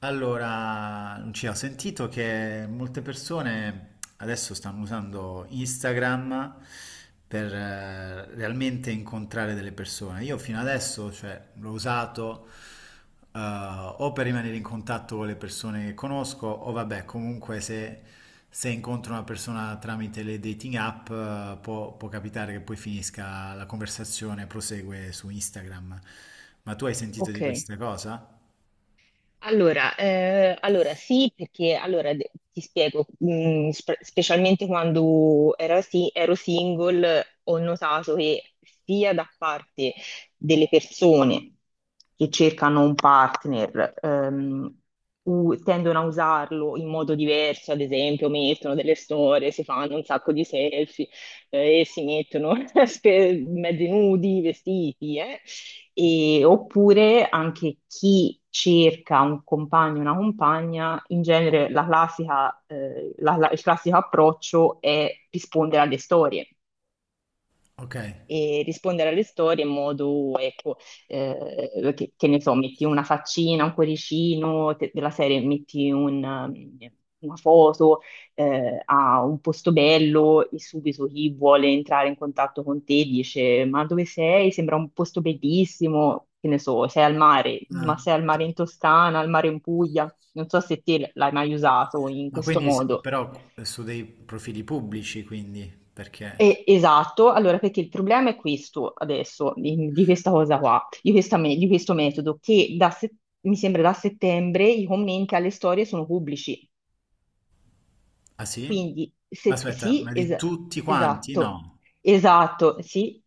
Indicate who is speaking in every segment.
Speaker 1: Allora, Lucia, ho sentito che molte persone adesso stanno usando Instagram per realmente incontrare delle persone. Io fino adesso, cioè, l'ho usato o per rimanere in contatto con le persone che conosco, o vabbè, comunque se incontro una persona tramite le dating app, può capitare che poi finisca la conversazione, prosegue su Instagram. Ma tu hai sentito di
Speaker 2: Ok,
Speaker 1: questa cosa?
Speaker 2: allora sì, perché allora, ti spiego, specialmente quando ero single, ho notato che sia da parte delle persone che cercano un partner, tendono a usarlo in modo diverso, ad esempio, mettono delle storie, si fanno un sacco di selfie, e si mettono mezzi nudi, vestiti, eh. Oppure anche chi cerca un compagno, una compagna, in genere la classica, il classico approccio è rispondere alle storie
Speaker 1: Ok.
Speaker 2: e rispondere alle storie in modo, ecco, che ne so, metti una faccina, un cuoricino della serie, metti un, una foto a un posto bello e subito chi vuole entrare in contatto con te dice: Ma dove sei? Sembra un posto bellissimo. Che ne so, sei al mare, ma
Speaker 1: Ah.
Speaker 2: sei al mare in Toscana, al mare in Puglia. Non so se te l'hai mai usato in
Speaker 1: Ma
Speaker 2: questo
Speaker 1: quindi,
Speaker 2: modo.
Speaker 1: però, su dei profili pubblici, quindi, perché...
Speaker 2: Esatto, allora perché il problema è questo adesso, di questa cosa qua, di questo metodo, che da se- mi sembra da settembre i commenti alle storie sono pubblici,
Speaker 1: Ah, sì?
Speaker 2: quindi
Speaker 1: Ma aspetta,
Speaker 2: sì,
Speaker 1: ma di tutti quanti?
Speaker 2: esatto,
Speaker 1: No.
Speaker 2: esatto, sì.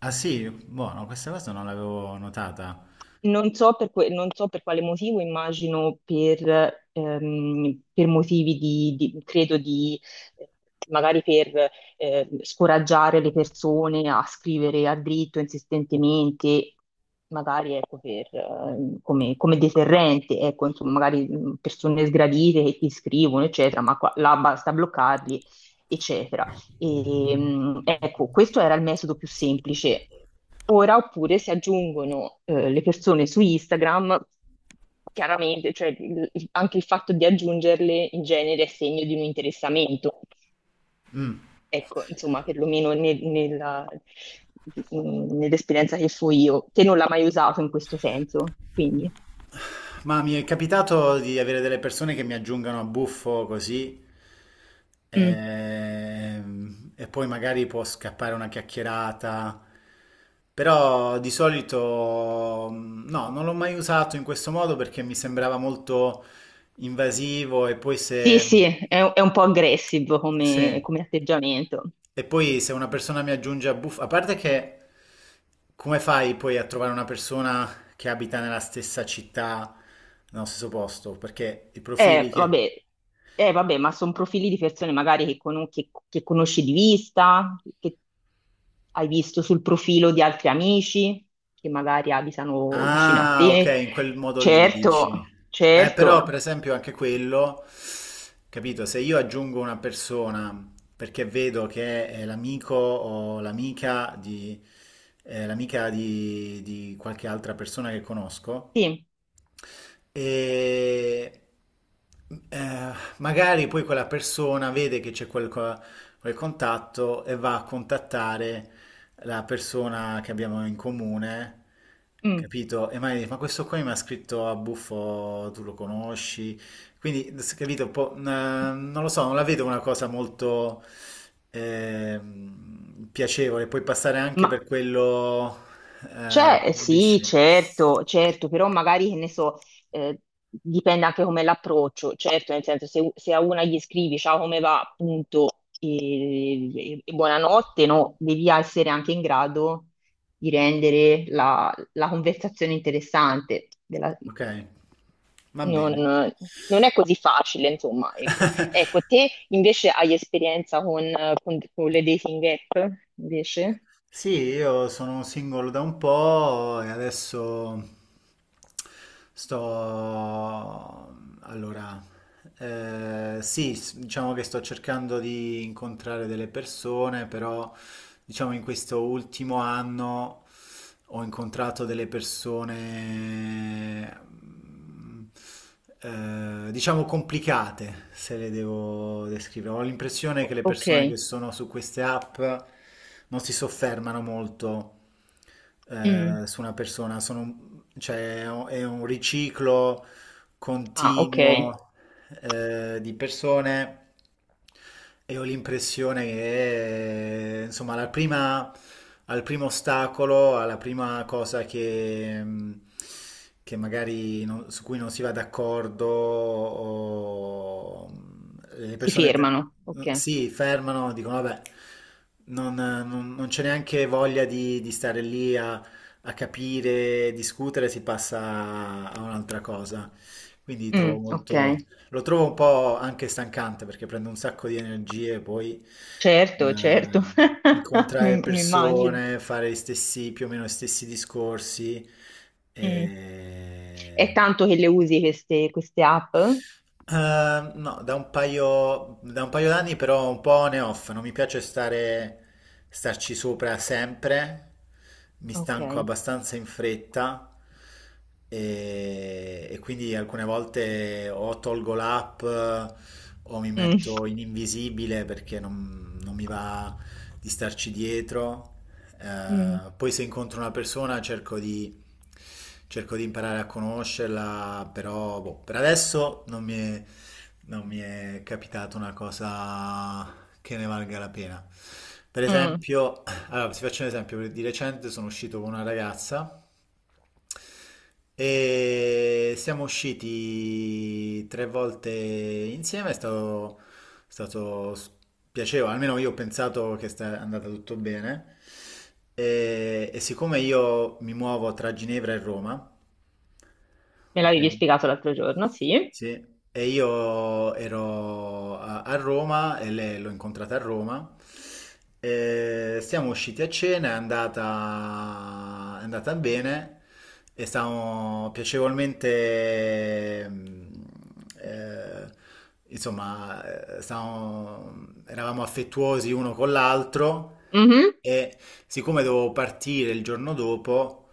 Speaker 1: Ah, sì? Buono, questa cosa non l'avevo notata.
Speaker 2: Non so per quale motivo, immagino per motivi di, credo di, eh, magari per scoraggiare le persone a scrivere a dritto insistentemente, magari ecco, per, come deterrente, ecco, insomma, magari persone sgradite che ti scrivono, eccetera, ma qua, là basta bloccarli, eccetera. E, ecco, questo era il metodo più semplice. Ora, oppure si aggiungono le persone su Instagram, chiaramente, cioè, anche il fatto di aggiungerle in genere è segno di un interessamento.
Speaker 1: Mm.
Speaker 2: Ecco, insomma, perlomeno nell'esperienza che fui io, che non l'ha mai usato in questo senso. Quindi,
Speaker 1: Ma mi è capitato di avere delle persone che mi aggiungano a buffo così
Speaker 2: mm.
Speaker 1: e, poi magari può scappare una chiacchierata, però di solito mm, no, non l'ho mai usato in questo modo perché mi sembrava molto invasivo e poi
Speaker 2: Sì,
Speaker 1: se...
Speaker 2: sì, è un po' aggressive
Speaker 1: Sì.
Speaker 2: come atteggiamento.
Speaker 1: E poi se una persona mi aggiunge a buff, a parte che come fai poi a trovare una persona che abita nella stessa città, nello stesso posto? Perché i profili che...
Speaker 2: Vabbè, vabbè, ma sono profili di persone magari che conosci di vista, che hai visto sul profilo di altri amici, che magari abitano vicino a
Speaker 1: Ah, ok,
Speaker 2: te.
Speaker 1: in quel modo lì dici.
Speaker 2: Certo,
Speaker 1: Però per
Speaker 2: certo,
Speaker 1: esempio anche quello, capito, se io aggiungo una persona perché vedo che è l'amico o l'amica di, l'amica di qualche altra persona che conosco,
Speaker 2: sì.
Speaker 1: e magari poi quella persona vede che c'è quel, quel contatto e va a contattare la persona che abbiamo in comune,
Speaker 2: Mm.
Speaker 1: capito? E magari dice, ma questo qua mi ha scritto a buffo, tu lo conosci? Quindi, capito, un po', non lo so, non la vedo una cosa molto piacevole. Puoi passare anche
Speaker 2: Ma
Speaker 1: per quello,
Speaker 2: C'è, sì,
Speaker 1: capisci?
Speaker 2: certo, certo, però magari, che ne so, eh, dipende anche come l'approccio, certo, nel senso, se a una gli scrivi ciao come va, appunto, e buonanotte, no, devi essere anche in grado di rendere la conversazione interessante.
Speaker 1: Okay, va
Speaker 2: Non,
Speaker 1: bene.
Speaker 2: non è così facile, insomma, ecco. Ecco, te invece hai esperienza con le dating app, invece?
Speaker 1: Sì, io sono single da un po' e adesso sto... Allora, sì, diciamo che sto cercando di incontrare delle persone, però diciamo in questo ultimo anno ho incontrato delle persone... diciamo complicate se le devo descrivere. Ho l'impressione che le
Speaker 2: Ok.
Speaker 1: persone che sono su queste app non si soffermano molto
Speaker 2: Mm.
Speaker 1: su una persona, sono, cioè, è un riciclo
Speaker 2: Ah, ok.
Speaker 1: continuo di persone e ho l'impressione che, insomma, alla prima, al primo ostacolo, alla prima cosa che magari su cui non si va d'accordo, o, le
Speaker 2: Si
Speaker 1: persone
Speaker 2: fermano, ok.
Speaker 1: si fermano, dicono, vabbè, non c'è neanche voglia di stare lì a capire, discutere, si passa a un'altra cosa. Quindi trovo
Speaker 2: Mm, ok,
Speaker 1: molto... Lo trovo un po' anche stancante perché prende un sacco di energie, poi
Speaker 2: certo, certo,
Speaker 1: eh, incontrare
Speaker 2: mi immagino.
Speaker 1: persone, fare gli stessi, più o meno gli stessi discorsi.
Speaker 2: Mm. È
Speaker 1: E...
Speaker 2: tanto che le usi queste, queste app?
Speaker 1: No, da un paio d'anni però un po' on e off, non mi piace stare, starci sopra sempre, mi stanco
Speaker 2: Ok.
Speaker 1: abbastanza in fretta e quindi alcune volte o tolgo l'app o mi
Speaker 2: Mm,
Speaker 1: metto in invisibile perché non mi va di starci dietro.
Speaker 2: mm,
Speaker 1: Poi se incontro una persona cerco di imparare a conoscerla, però boh, per adesso non mi è capitata una cosa che ne valga la pena. Per
Speaker 2: mm.
Speaker 1: esempio, allora, vi faccio un esempio, di recente sono uscito con una ragazza. E siamo usciti tre volte insieme, è stato piacevole, almeno io ho pensato che sta andata tutto bene. E siccome io mi muovo tra Ginevra e Roma,
Speaker 2: Me
Speaker 1: ok?
Speaker 2: l'avevi spiegato l'altro giorno, sì.
Speaker 1: Sì, e io ero a, a Roma e lei l'ho incontrata a Roma. E siamo usciti a cena, è andata bene e stavamo piacevolmente, mm, eh, insomma, eravamo affettuosi uno con l'altro
Speaker 2: Mhm,
Speaker 1: e siccome dovevo partire il giorno dopo,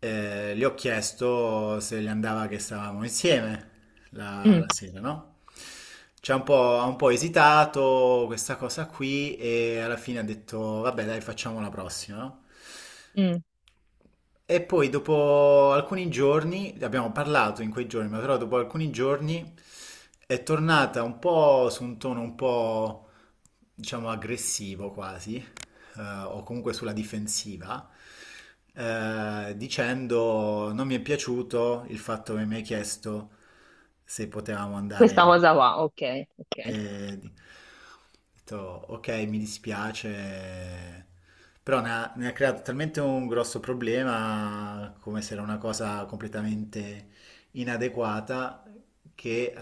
Speaker 1: gli ho chiesto se gli andava che stavamo insieme la,
Speaker 2: mm,
Speaker 1: la sera, no? Ci ha un po' esitato questa cosa qui e alla fine ha detto, vabbè, dai, facciamo la prossima, no?
Speaker 2: mm.
Speaker 1: E poi dopo alcuni giorni, abbiamo parlato in quei giorni, ma però dopo alcuni giorni è tornata un po' su un tono un po', diciamo, aggressivo quasi, o comunque sulla difensiva, dicendo non mi è piaciuto il fatto che mi hai chiesto se potevamo
Speaker 2: Questa
Speaker 1: andare.
Speaker 2: cosa qua, ok, ok.
Speaker 1: E ho detto, ok, mi dispiace, però ne ha creato talmente un grosso problema, come se era una cosa completamente inadeguata, che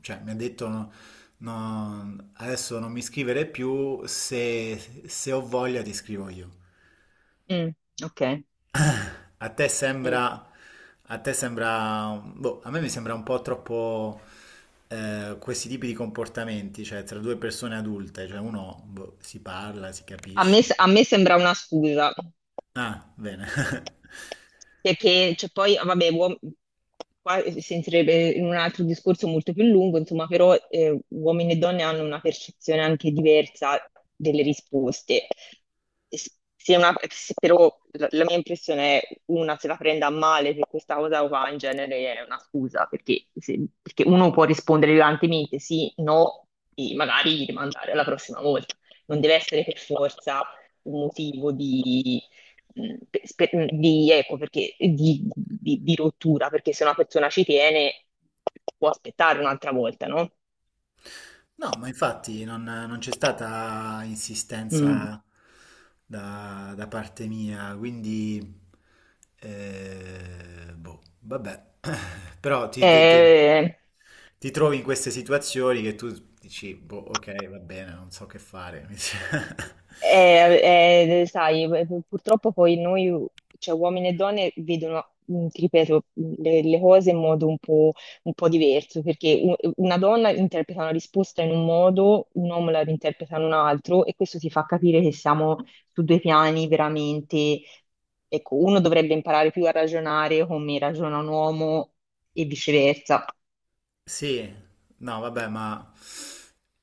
Speaker 1: cioè, mi ha detto no, adesso non mi scrivere più, se ho voglia ti scrivo io.
Speaker 2: Mm, ok.
Speaker 1: A te
Speaker 2: Mm.
Speaker 1: sembra, a te sembra, boh, a me mi sembra un po' troppo questi tipi di comportamenti, cioè tra due persone adulte, cioè uno boh, si parla, si
Speaker 2: A
Speaker 1: capisce.
Speaker 2: me, a me sembra una scusa,
Speaker 1: Ah, bene.
Speaker 2: perché cioè, poi, vabbè, qua si entrerebbe in un altro discorso molto più lungo, insomma, però uomini e donne hanno una percezione anche diversa delle risposte. S- Se però la mia impressione è una se la prenda a male per questa cosa qua in genere è una scusa, perché, se- perché uno può rispondere violentemente sì, no, e magari rimandare alla prossima volta, non deve essere per forza un motivo di, di, ecco, perché, di rottura, perché se una persona ci tiene può aspettare un'altra volta, no?
Speaker 1: No, ma infatti non c'è stata
Speaker 2: Mm.
Speaker 1: insistenza da, da parte mia, quindi boh, vabbè. Però
Speaker 2: Eh,
Speaker 1: ti trovi in queste situazioni che tu dici, boh, ok, va bene, non so che fare.
Speaker 2: Sai, purtroppo poi noi, cioè uomini e donne, vedono, ti ripeto, le cose in modo un po' diverso, perché una donna interpreta una risposta in un modo, un uomo la interpreta in un altro, e questo ti fa capire che siamo su due piani veramente. Ecco, uno dovrebbe imparare più a ragionare come ragiona un uomo e viceversa.
Speaker 1: Sì, no, vabbè, ma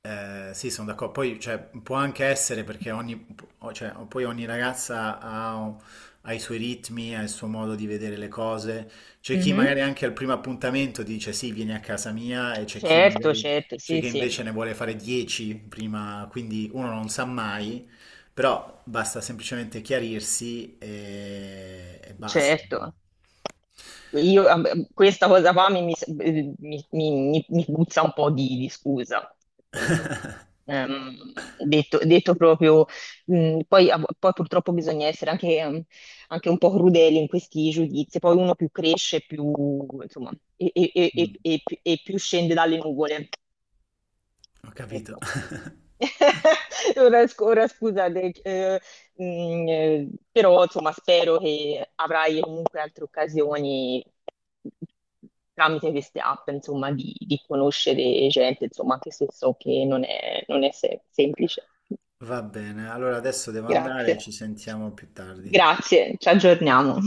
Speaker 1: sì, sono d'accordo. Poi, cioè, può anche essere perché cioè, poi ogni ragazza ha i suoi ritmi, ha il suo modo di vedere le cose. C'è chi
Speaker 2: Mhm.
Speaker 1: magari anche al primo appuntamento dice sì, vieni a casa mia, e
Speaker 2: Certo, certo,
Speaker 1: c'è
Speaker 2: sì,
Speaker 1: chi
Speaker 2: sì,
Speaker 1: invece ne vuole fare 10 prima, quindi uno non sa mai, però basta semplicemente chiarirsi e basta.
Speaker 2: certo. Io, questa cosa qua mi puzza un po' di scusa. Insomma. Ehm, detto proprio, poi purtroppo bisogna essere anche un po' crudeli in questi giudizi. Poi uno più cresce, più, insomma,
Speaker 1: Mm,
Speaker 2: più scende dalle nuvole.
Speaker 1: ho capito.
Speaker 2: Ecco. Ora scusa, però insomma spero che avrai comunque altre occasioni tramite queste app, insomma, di conoscere gente, insomma, anche se so che non è semplice.
Speaker 1: Va bene, allora adesso devo andare,
Speaker 2: Grazie.
Speaker 1: ci sentiamo più tardi.
Speaker 2: Grazie, ci aggiorniamo.